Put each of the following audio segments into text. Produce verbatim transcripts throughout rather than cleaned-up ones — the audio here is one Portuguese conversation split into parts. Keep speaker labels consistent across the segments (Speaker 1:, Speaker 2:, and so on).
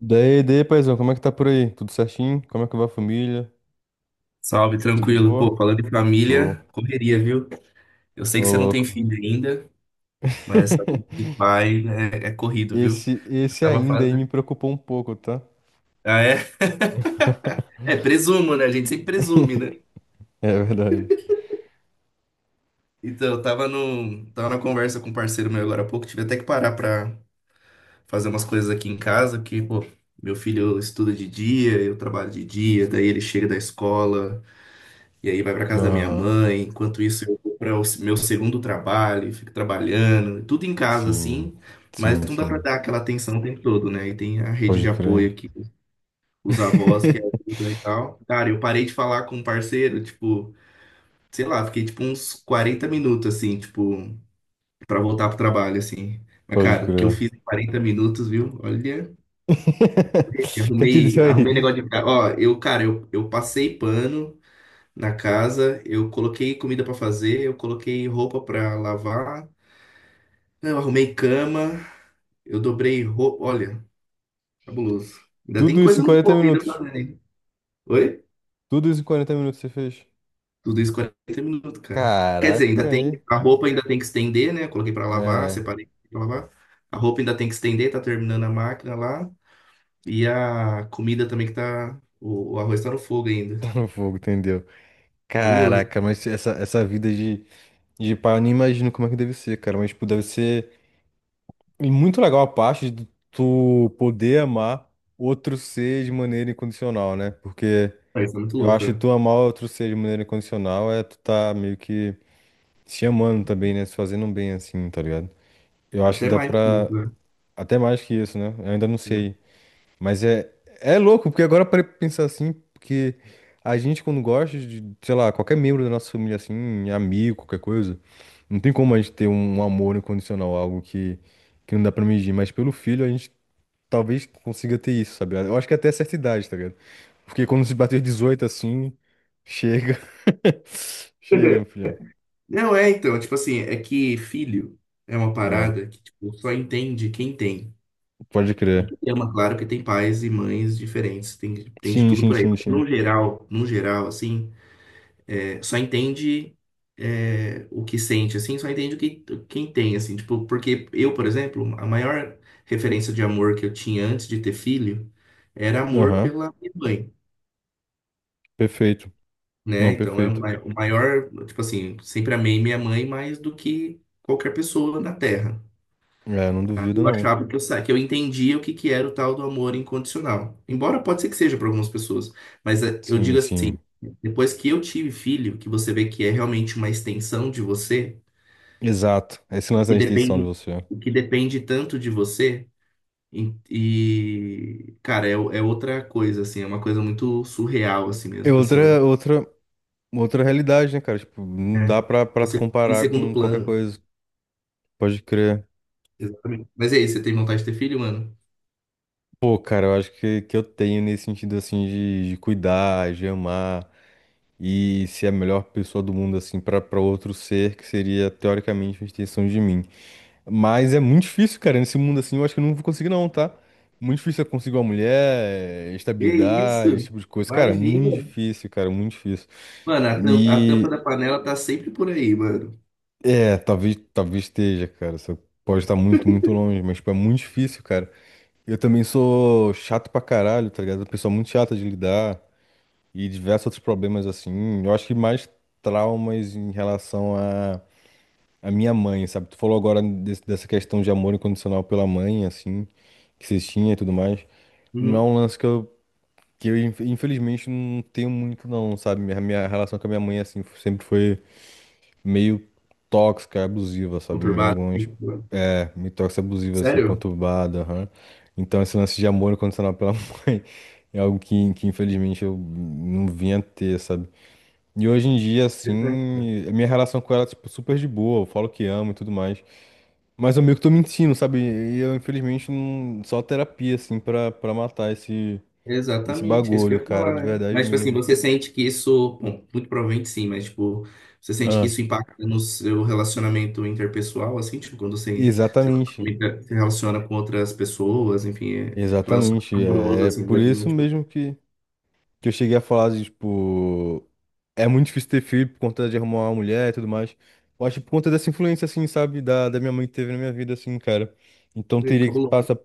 Speaker 1: Daí, daí, paizão, como é que tá por aí? Tudo certinho? Como é que vai a família?
Speaker 2: Salve,
Speaker 1: Tudo de
Speaker 2: tranquilo. Pô,
Speaker 1: boa?
Speaker 2: falando de
Speaker 1: Show.
Speaker 2: família, correria, viu? Eu sei que
Speaker 1: Ô,
Speaker 2: você não tem
Speaker 1: louco.
Speaker 2: filho ainda, mas essa vida de pai é, é corrido, viu?
Speaker 1: Esse,
Speaker 2: Eu
Speaker 1: esse
Speaker 2: tava
Speaker 1: ainda aí
Speaker 2: fazendo.
Speaker 1: me preocupou um pouco, tá?
Speaker 2: Ah, é? É, presumo, né? A gente sempre presume, né?
Speaker 1: É verdade.
Speaker 2: Então, eu tava no, tava na conversa com um parceiro meu agora há pouco, tive até que parar pra fazer umas coisas aqui em casa, que, pô, meu filho estuda de dia, eu trabalho de dia, daí ele chega da escola. E aí vai para casa da minha
Speaker 1: Aham.
Speaker 2: mãe, enquanto isso eu vou para o meu segundo trabalho, fico trabalhando, tudo em casa
Speaker 1: Sim,
Speaker 2: assim, mas
Speaker 1: sim,
Speaker 2: não dá para
Speaker 1: sim.
Speaker 2: dar aquela atenção o tempo todo, né? E tem a rede
Speaker 1: Pode
Speaker 2: de apoio
Speaker 1: crer.
Speaker 2: aqui, os avós que ajudam e tal. Cara, eu parei de falar com um parceiro, tipo, sei lá, fiquei tipo uns quarenta minutos assim, tipo, para voltar pro trabalho assim. Mas,
Speaker 1: Pode
Speaker 2: cara, o que eu
Speaker 1: crer.
Speaker 2: fiz em 40 minutos, viu? Olha,
Speaker 1: O que é que diz
Speaker 2: arrumei, arrumei
Speaker 1: aí?
Speaker 2: negócio de. Ó, eu, cara, eu, eu passei pano, na casa, eu coloquei comida pra fazer, eu coloquei roupa pra lavar, eu arrumei cama, eu dobrei roupa. Olha, cabuloso. Ainda tem
Speaker 1: Tudo isso
Speaker 2: coisa
Speaker 1: em
Speaker 2: no
Speaker 1: quarenta
Speaker 2: corpo ainda pra
Speaker 1: minutos.
Speaker 2: fazer. hein? Oi?
Speaker 1: Tudo isso em quarenta minutos você fez.
Speaker 2: Tudo isso quarenta minutos, cara. Quer dizer, ainda
Speaker 1: Caraca,
Speaker 2: tem.
Speaker 1: aí.
Speaker 2: A roupa ainda tem que estender, né? Eu Coloquei pra lavar,
Speaker 1: É,
Speaker 2: separei pra lavar. A roupa ainda tem que estender, tá terminando a máquina lá. E a comida também que tá. O, o arroz tá no fogo ainda.
Speaker 1: tá no fogo, entendeu?
Speaker 2: Cabuloso.
Speaker 1: Caraca, mas essa, essa vida de. E pá, eu nem imagino como é que deve ser, cara. Mas, tipo, deve ser muito legal a parte de tu poder amar outro ser de maneira incondicional, né? Porque
Speaker 2: Ah, Isso é muito
Speaker 1: eu
Speaker 2: louco,
Speaker 1: acho que
Speaker 2: cara.
Speaker 1: tu amar outro ser de maneira incondicional é tu tá meio que se amando também, né? Se fazendo um bem assim, tá ligado? Eu acho que
Speaker 2: Até
Speaker 1: dá
Speaker 2: mais que
Speaker 1: pra.
Speaker 2: isso, né?
Speaker 1: Até mais que isso, né? Eu ainda não sei,
Speaker 2: É.
Speaker 1: mas é, é louco, porque agora eu parei pra pensar assim, porque a gente quando gosta de, sei lá, qualquer membro da nossa família assim, amigo, qualquer coisa, não tem como a gente ter um amor incondicional, algo que, que não dá pra medir. Mas pelo filho a gente talvez consiga ter isso, sabe? Eu acho que até certa idade, tá ligado? Porque quando se bater dezoito assim, chega. Chega, meu filhão.
Speaker 2: Não, é então, tipo assim, é que filho é uma
Speaker 1: Ah,
Speaker 2: parada que tipo, só entende quem tem.
Speaker 1: pode
Speaker 2: E
Speaker 1: crer.
Speaker 2: quem ama, claro que tem pais e mães diferentes, tem, tem de
Speaker 1: Sim,
Speaker 2: tudo
Speaker 1: sim,
Speaker 2: por aí.
Speaker 1: sim,
Speaker 2: Mas
Speaker 1: sim.
Speaker 2: no geral, no geral, assim, é, só entende é, o que sente, assim, só entende o que quem tem, assim, tipo, porque eu, por exemplo, a maior referência de amor que eu tinha antes de ter filho era amor
Speaker 1: Aham,
Speaker 2: pela minha mãe,
Speaker 1: perfeito.
Speaker 2: né?
Speaker 1: Não,
Speaker 2: Então é o
Speaker 1: perfeito.
Speaker 2: ma- o maior, tipo assim, sempre amei minha mãe mais do que qualquer pessoa na Terra.
Speaker 1: É, não duvido,
Speaker 2: Eu
Speaker 1: não.
Speaker 2: achava que eu, sa- que eu entendia o que, que era o tal do amor incondicional. Embora pode ser que seja para algumas pessoas, mas eh, eu
Speaker 1: Sim,
Speaker 2: digo assim,
Speaker 1: sim.
Speaker 2: depois que eu tive filho, que você vê que é realmente uma extensão de você,
Speaker 1: Exato. Esse lance
Speaker 2: que
Speaker 1: da instituição de
Speaker 2: depende,
Speaker 1: você.
Speaker 2: o que depende tanto de você, e, e, cara, é, o- é outra coisa, assim, é uma coisa muito surreal, assim mesmo,
Speaker 1: É
Speaker 2: tipo assim, o-
Speaker 1: outra, outra, outra realidade, né, cara? Tipo, não
Speaker 2: é,
Speaker 1: dá pra, pra tu
Speaker 2: você fica em
Speaker 1: comparar
Speaker 2: segundo
Speaker 1: com qualquer
Speaker 2: plano.
Speaker 1: coisa. Pode crer.
Speaker 2: Exatamente. Mas é isso, você tem vontade de ter filho, mano?
Speaker 1: Pô, cara, eu acho que, que eu tenho nesse sentido, assim, de, de cuidar, de amar e ser a melhor pessoa do mundo, assim, pra, pra outro ser que seria, teoricamente, uma extensão de mim. Mas é muito difícil, cara, nesse mundo, assim, eu acho que eu não vou conseguir, não, tá? Muito difícil eu conseguir uma mulher,
Speaker 2: Que
Speaker 1: estabilidade, esse
Speaker 2: isso?
Speaker 1: tipo de coisa. Cara, muito
Speaker 2: Imagina.
Speaker 1: difícil, cara, muito difícil.
Speaker 2: Mano, a tampa, a tampa
Speaker 1: E
Speaker 2: da panela tá sempre por aí, mano.
Speaker 1: É, talvez, talvez esteja, cara. Você pode estar muito, muito longe, mas, tipo, é muito difícil, cara. Eu também sou chato pra caralho, tá ligado? Uma pessoa muito chata de lidar e diversos outros problemas, assim. Eu acho que mais traumas em relação à à minha mãe, sabe? Tu falou agora desse- dessa questão de amor incondicional pela mãe, assim, que vocês tinham e tudo mais. Não é
Speaker 2: Uhum.
Speaker 1: um lance que eu, que eu inf- infelizmente, não tenho muito, não, sabe? Minha, minha relação com a minha mãe, assim, sempre foi meio tóxica, abusiva, sabe? Em
Speaker 2: Conturbado.
Speaker 1: alguns
Speaker 2: assim, mano.
Speaker 1: É, Mitox abusiva, assim,
Speaker 2: Sério?
Speaker 1: conturbada, aham. Então, esse lance de amor incondicional pela mãe é algo que, que, infelizmente, eu não vinha a ter, sabe? E hoje em dia,
Speaker 2: Perfeito.
Speaker 1: assim, a minha relação com ela é, tipo, super de boa. Eu falo que amo e tudo mais. Mas eu meio que tô mentindo, sabe? E eu, infelizmente, não, só terapia, assim, pra, pra matar esse, esse
Speaker 2: Exatamente, é isso que eu
Speaker 1: bagulho,
Speaker 2: ia
Speaker 1: cara, de
Speaker 2: falar, né?
Speaker 1: verdade
Speaker 2: Mas, tipo assim,
Speaker 1: mesmo.
Speaker 2: você sente que isso. Bom, muito provavelmente sim, mas, tipo, você sente que
Speaker 1: Ah,
Speaker 2: isso impacta no seu relacionamento interpessoal, assim, tipo, quando você se
Speaker 1: exatamente,
Speaker 2: relaciona se relaciona com outras pessoas, enfim, é
Speaker 1: exatamente.
Speaker 2: relacionamento amoroso,
Speaker 1: É é
Speaker 2: assim,
Speaker 1: por
Speaker 2: mesmo, né?
Speaker 1: isso
Speaker 2: tipo,
Speaker 1: mesmo que. que eu cheguei a falar, de, tipo, é muito difícil ter filho por conta de arrumar uma mulher e tudo mais. Eu acho que por conta dessa influência, assim, sabe, da, da minha mãe que teve na minha vida, assim, cara. Então
Speaker 2: é
Speaker 1: teria que
Speaker 2: cabuloso.
Speaker 1: passar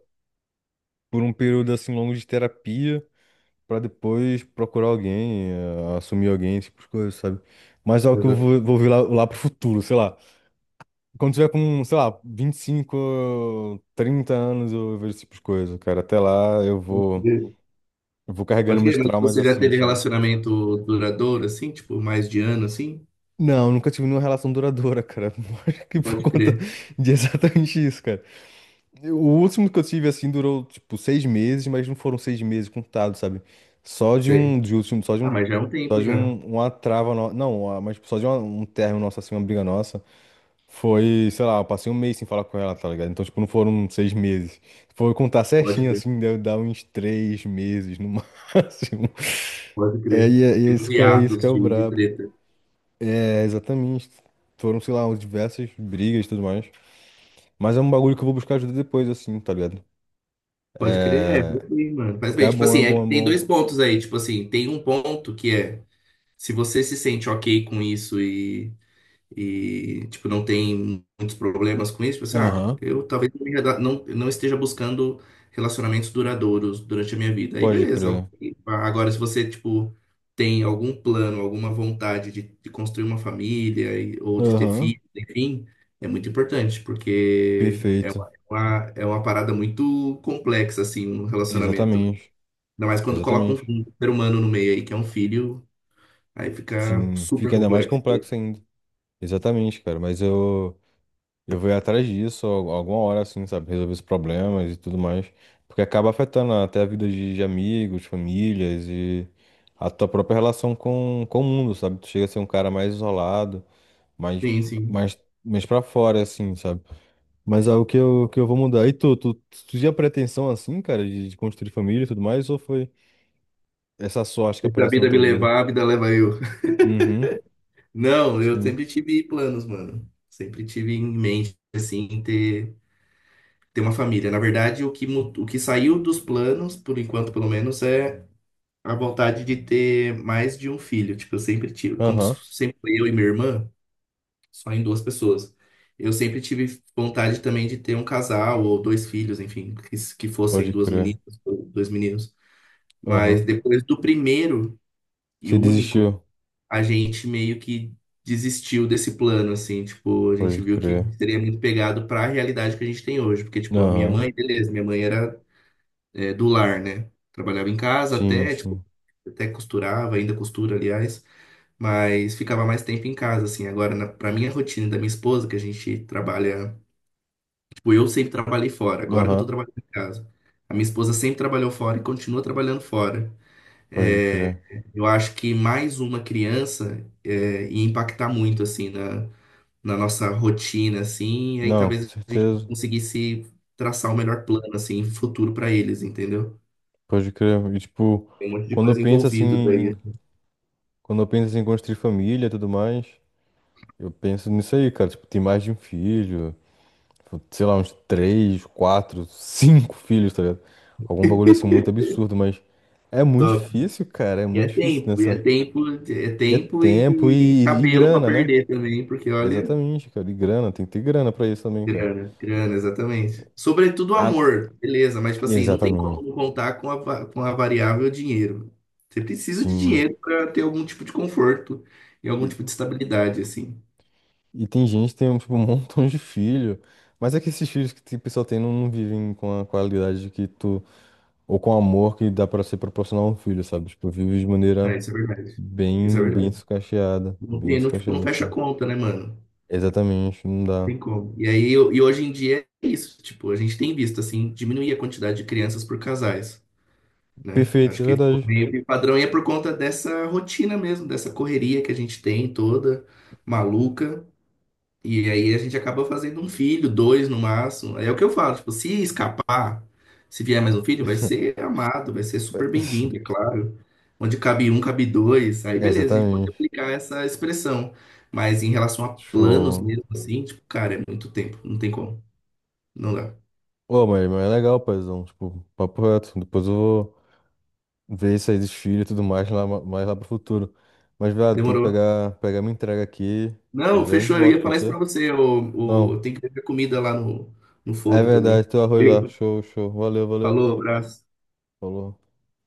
Speaker 1: por um período, assim, longo de terapia pra depois procurar alguém, eh, assumir alguém, esse tipo de coisa, sabe? Mas é algo que eu vou,
Speaker 2: Exatamente.
Speaker 1: vou ver lá, lá pro futuro, sei lá. Quando tiver com, sei lá, vinte e cinco, trinta anos, eu vejo esse tipo de coisa, cara. Até lá eu vou, eu vou carregando
Speaker 2: Pode
Speaker 1: meus
Speaker 2: crer, mas
Speaker 1: traumas
Speaker 2: você já
Speaker 1: assim,
Speaker 2: teve
Speaker 1: sabe?
Speaker 2: relacionamento duradouro, assim, tipo, mais de ano, assim?
Speaker 1: Não, nunca tive nenhuma relação duradoura, cara. Acho que por
Speaker 2: Pode
Speaker 1: conta
Speaker 2: crer.
Speaker 1: de exatamente isso, cara. O último que eu tive, assim, durou, tipo, seis meses, mas não foram seis meses contados, sabe? Só de
Speaker 2: Sei.
Speaker 1: um, de último, só de
Speaker 2: Ah,
Speaker 1: um,
Speaker 2: mas já é um
Speaker 1: só
Speaker 2: tempo
Speaker 1: de
Speaker 2: já.
Speaker 1: um, uma trava, no... não, uma- mas tipo, só de uma- um término nosso, assim, uma briga nossa. Foi, sei lá, eu passei um mês sem falar com ela, tá ligado? Então, tipo, não foram seis meses. Foi contar
Speaker 2: Pode
Speaker 1: certinho,
Speaker 2: crer,
Speaker 1: assim, deve dar uns três meses no máximo.
Speaker 2: pode
Speaker 1: É,
Speaker 2: crer.
Speaker 1: e é, e é
Speaker 2: Tem Os
Speaker 1: isso que é, isso que
Speaker 2: hiatos
Speaker 1: é o
Speaker 2: de, de
Speaker 1: brabo.
Speaker 2: treta.
Speaker 1: É, exatamente. Foram, sei lá, diversas brigas e tudo mais. Mas é um bagulho que eu vou buscar ajuda depois, assim, tá ligado?
Speaker 2: Pode crer, é,
Speaker 1: É,
Speaker 2: faz bem, mano. Faz
Speaker 1: porque
Speaker 2: bem.
Speaker 1: é
Speaker 2: Tipo
Speaker 1: bom,
Speaker 2: assim,
Speaker 1: é
Speaker 2: é que
Speaker 1: bom, é
Speaker 2: tem
Speaker 1: bom.
Speaker 2: dois pontos aí. Tipo assim, tem um ponto que é se você se sente ok com isso e e tipo não tem muitos problemas com isso, pensar, ah,
Speaker 1: Aham,
Speaker 2: eu talvez não, me reda- não não esteja buscando relacionamentos duradouros durante a minha vida. Aí
Speaker 1: pode
Speaker 2: beleza.
Speaker 1: crer.
Speaker 2: ok. Agora se você tipo tem algum plano, alguma vontade de, de construir uma família e- ou de ter
Speaker 1: Aham.
Speaker 2: filhos, enfim, é muito importante porque é
Speaker 1: Perfeito.
Speaker 2: uma, é uma- é uma parada muito complexa assim um relacionamento. né?
Speaker 1: Exatamente.
Speaker 2: Ainda mais quando coloca um,
Speaker 1: Exatamente.
Speaker 2: um ser humano no meio aí que é um filho, aí fica
Speaker 1: Sim,
Speaker 2: super
Speaker 1: fica ainda mais
Speaker 2: complexo.
Speaker 1: complexo ainda. Exatamente, cara. Mas eu, eu vou ir atrás disso al- alguma hora, assim, sabe? Resolver os problemas e tudo mais. Porque acaba afetando até a vida de, de amigos, famílias e a tua própria relação com, com o mundo, sabe? Tu chega a ser um cara mais isolado, mais,
Speaker 2: Sim, sim.
Speaker 1: mais, mais pra fora, assim, sabe? Mas é o que eu, que eu vou mudar. E tu, tu, tu tinha pretensão assim, cara, de, de construir família e tudo mais, ou foi essa sorte que
Speaker 2: Deixa a
Speaker 1: apareceu na
Speaker 2: vida me
Speaker 1: tua vida?
Speaker 2: levar, a vida leva eu.
Speaker 1: Uhum,
Speaker 2: Não, eu
Speaker 1: sim.
Speaker 2: sempre tive planos, mano. Sempre tive em mente, assim, ter, ter uma família. Na verdade, o que, mu- o que saiu dos planos, por enquanto, pelo menos, é a vontade de ter mais de um filho. Tipo, eu sempre tive, como
Speaker 1: Aham,
Speaker 2: sempre foi eu e minha irmã, só em duas pessoas. Eu sempre tive vontade também de ter um casal ou dois filhos, enfim, que, que fossem
Speaker 1: pode
Speaker 2: duas
Speaker 1: crer.
Speaker 2: meninas ou dois meninos. Mas
Speaker 1: Aham.
Speaker 2: depois do primeiro e
Speaker 1: Você
Speaker 2: único,
Speaker 1: desistiu?
Speaker 2: a gente meio que desistiu desse plano, assim, tipo, a gente
Speaker 1: Pode
Speaker 2: viu que
Speaker 1: crer.
Speaker 2: seria muito pegado para a realidade que a gente tem hoje, porque, tipo, a minha
Speaker 1: Aham,
Speaker 2: mãe, beleza, minha mãe era é, do lar, né? Trabalhava em casa
Speaker 1: sim,
Speaker 2: até, tipo,
Speaker 1: sim.
Speaker 2: até costurava, ainda costura, aliás, mas ficava mais tempo em casa, assim. Agora, na, pra minha rotina e da minha esposa, que a gente trabalha, tipo, eu sempre trabalhei fora, agora que eu tô
Speaker 1: Aham,
Speaker 2: trabalhando em casa. A minha esposa sempre trabalhou fora e continua trabalhando fora.
Speaker 1: pode crer.
Speaker 2: Eu acho que mais uma criança é, ia impactar muito, assim, na, na, nossa rotina, assim, e aí
Speaker 1: Não, com
Speaker 2: talvez a gente
Speaker 1: certeza.
Speaker 2: conseguisse traçar o melhor plano, assim, futuro para eles, entendeu?
Speaker 1: Pode crer. E, tipo,
Speaker 2: Tem um monte de
Speaker 1: quando eu
Speaker 2: coisa
Speaker 1: penso assim,
Speaker 2: envolvida
Speaker 1: em-
Speaker 2: daí.
Speaker 1: quando eu penso assim, em construir família e tudo mais, eu penso nisso aí, cara. Tipo, ter mais de um filho, sei lá, uns três, quatro, cinco filhos, tá ligado? Algum bagulho assim muito absurdo, mas é muito
Speaker 2: top
Speaker 1: difícil, cara, é
Speaker 2: E é
Speaker 1: muito difícil
Speaker 2: tempo, e é
Speaker 1: nessa.
Speaker 2: tempo, é
Speaker 1: E é
Speaker 2: tempo
Speaker 1: tempo
Speaker 2: e
Speaker 1: e, e
Speaker 2: cabelo para
Speaker 1: grana, né?
Speaker 2: perder também, porque olha,
Speaker 1: Exatamente, cara, e grana, tem que ter grana pra isso também, cara.
Speaker 2: grana, grana, exatamente. Sobretudo o
Speaker 1: Ah,
Speaker 2: amor, beleza, mas tipo assim, não tem como
Speaker 1: exatamente,
Speaker 2: não contar com a, va- com a variável dinheiro. Você precisa de
Speaker 1: sim.
Speaker 2: dinheiro para ter algum tipo de conforto e algum
Speaker 1: E,
Speaker 2: tipo de estabilidade, assim.
Speaker 1: e tem gente que tem tipo, um montão de filho, mas é que esses filhos que o pessoal tem não, não vivem com a qualidade que tu, ou com o amor que dá pra ser proporcionar a um filho, sabe? Tipo, vive de maneira
Speaker 2: É, isso é verdade. Isso é
Speaker 1: bem, bem
Speaker 2: verdade.
Speaker 1: sucateada,
Speaker 2: Não,
Speaker 1: bem
Speaker 2: tem- não, tipo, não
Speaker 1: sucateada,
Speaker 2: fecha a
Speaker 1: assim.
Speaker 2: conta, né, mano? Não
Speaker 1: Exatamente, não dá.
Speaker 2: tem como. E aí, eu- e hoje em dia é isso, tipo, a gente tem visto, assim, diminuir a quantidade de crianças por casais, né?
Speaker 1: Perfeito,
Speaker 2: Acho
Speaker 1: é
Speaker 2: que ficou
Speaker 1: verdade.
Speaker 2: meio que padrão e é por conta dessa rotina mesmo, dessa correria que a gente tem toda, maluca. E aí a gente acaba fazendo um filho, dois no máximo. É o que eu falo, tipo, se escapar, se vier mais um filho, vai ser amado, vai ser super bem-vindo, é claro. Onde cabe um, cabe dois. Aí beleza, a gente pode
Speaker 1: Exatamente.
Speaker 2: aplicar essa expressão. Mas em relação a planos
Speaker 1: Show.
Speaker 2: mesmo, assim, tipo, cara, é muito tempo, não tem como, não dá.
Speaker 1: Ô, mas, mas é legal, paizão. Tipo, papo reto. Depois eu vou ver isso aí dos filhos e tudo mais lá, mais lá pro futuro. Mas, velho, tem que
Speaker 2: Demorou.
Speaker 1: pegar, pegar minha entrega aqui. Já
Speaker 2: Não,
Speaker 1: já a gente
Speaker 2: fechou, eu
Speaker 1: volta,
Speaker 2: ia falar
Speaker 1: pode
Speaker 2: isso pra
Speaker 1: ser?
Speaker 2: você, o,
Speaker 1: Não.
Speaker 2: o, tem que ter comida lá no, no
Speaker 1: É
Speaker 2: fogo também.
Speaker 1: verdade, teu arroz lá.
Speaker 2: Valeu,
Speaker 1: Show, show. Valeu, valeu.
Speaker 2: falou, abraço.
Speaker 1: Falou.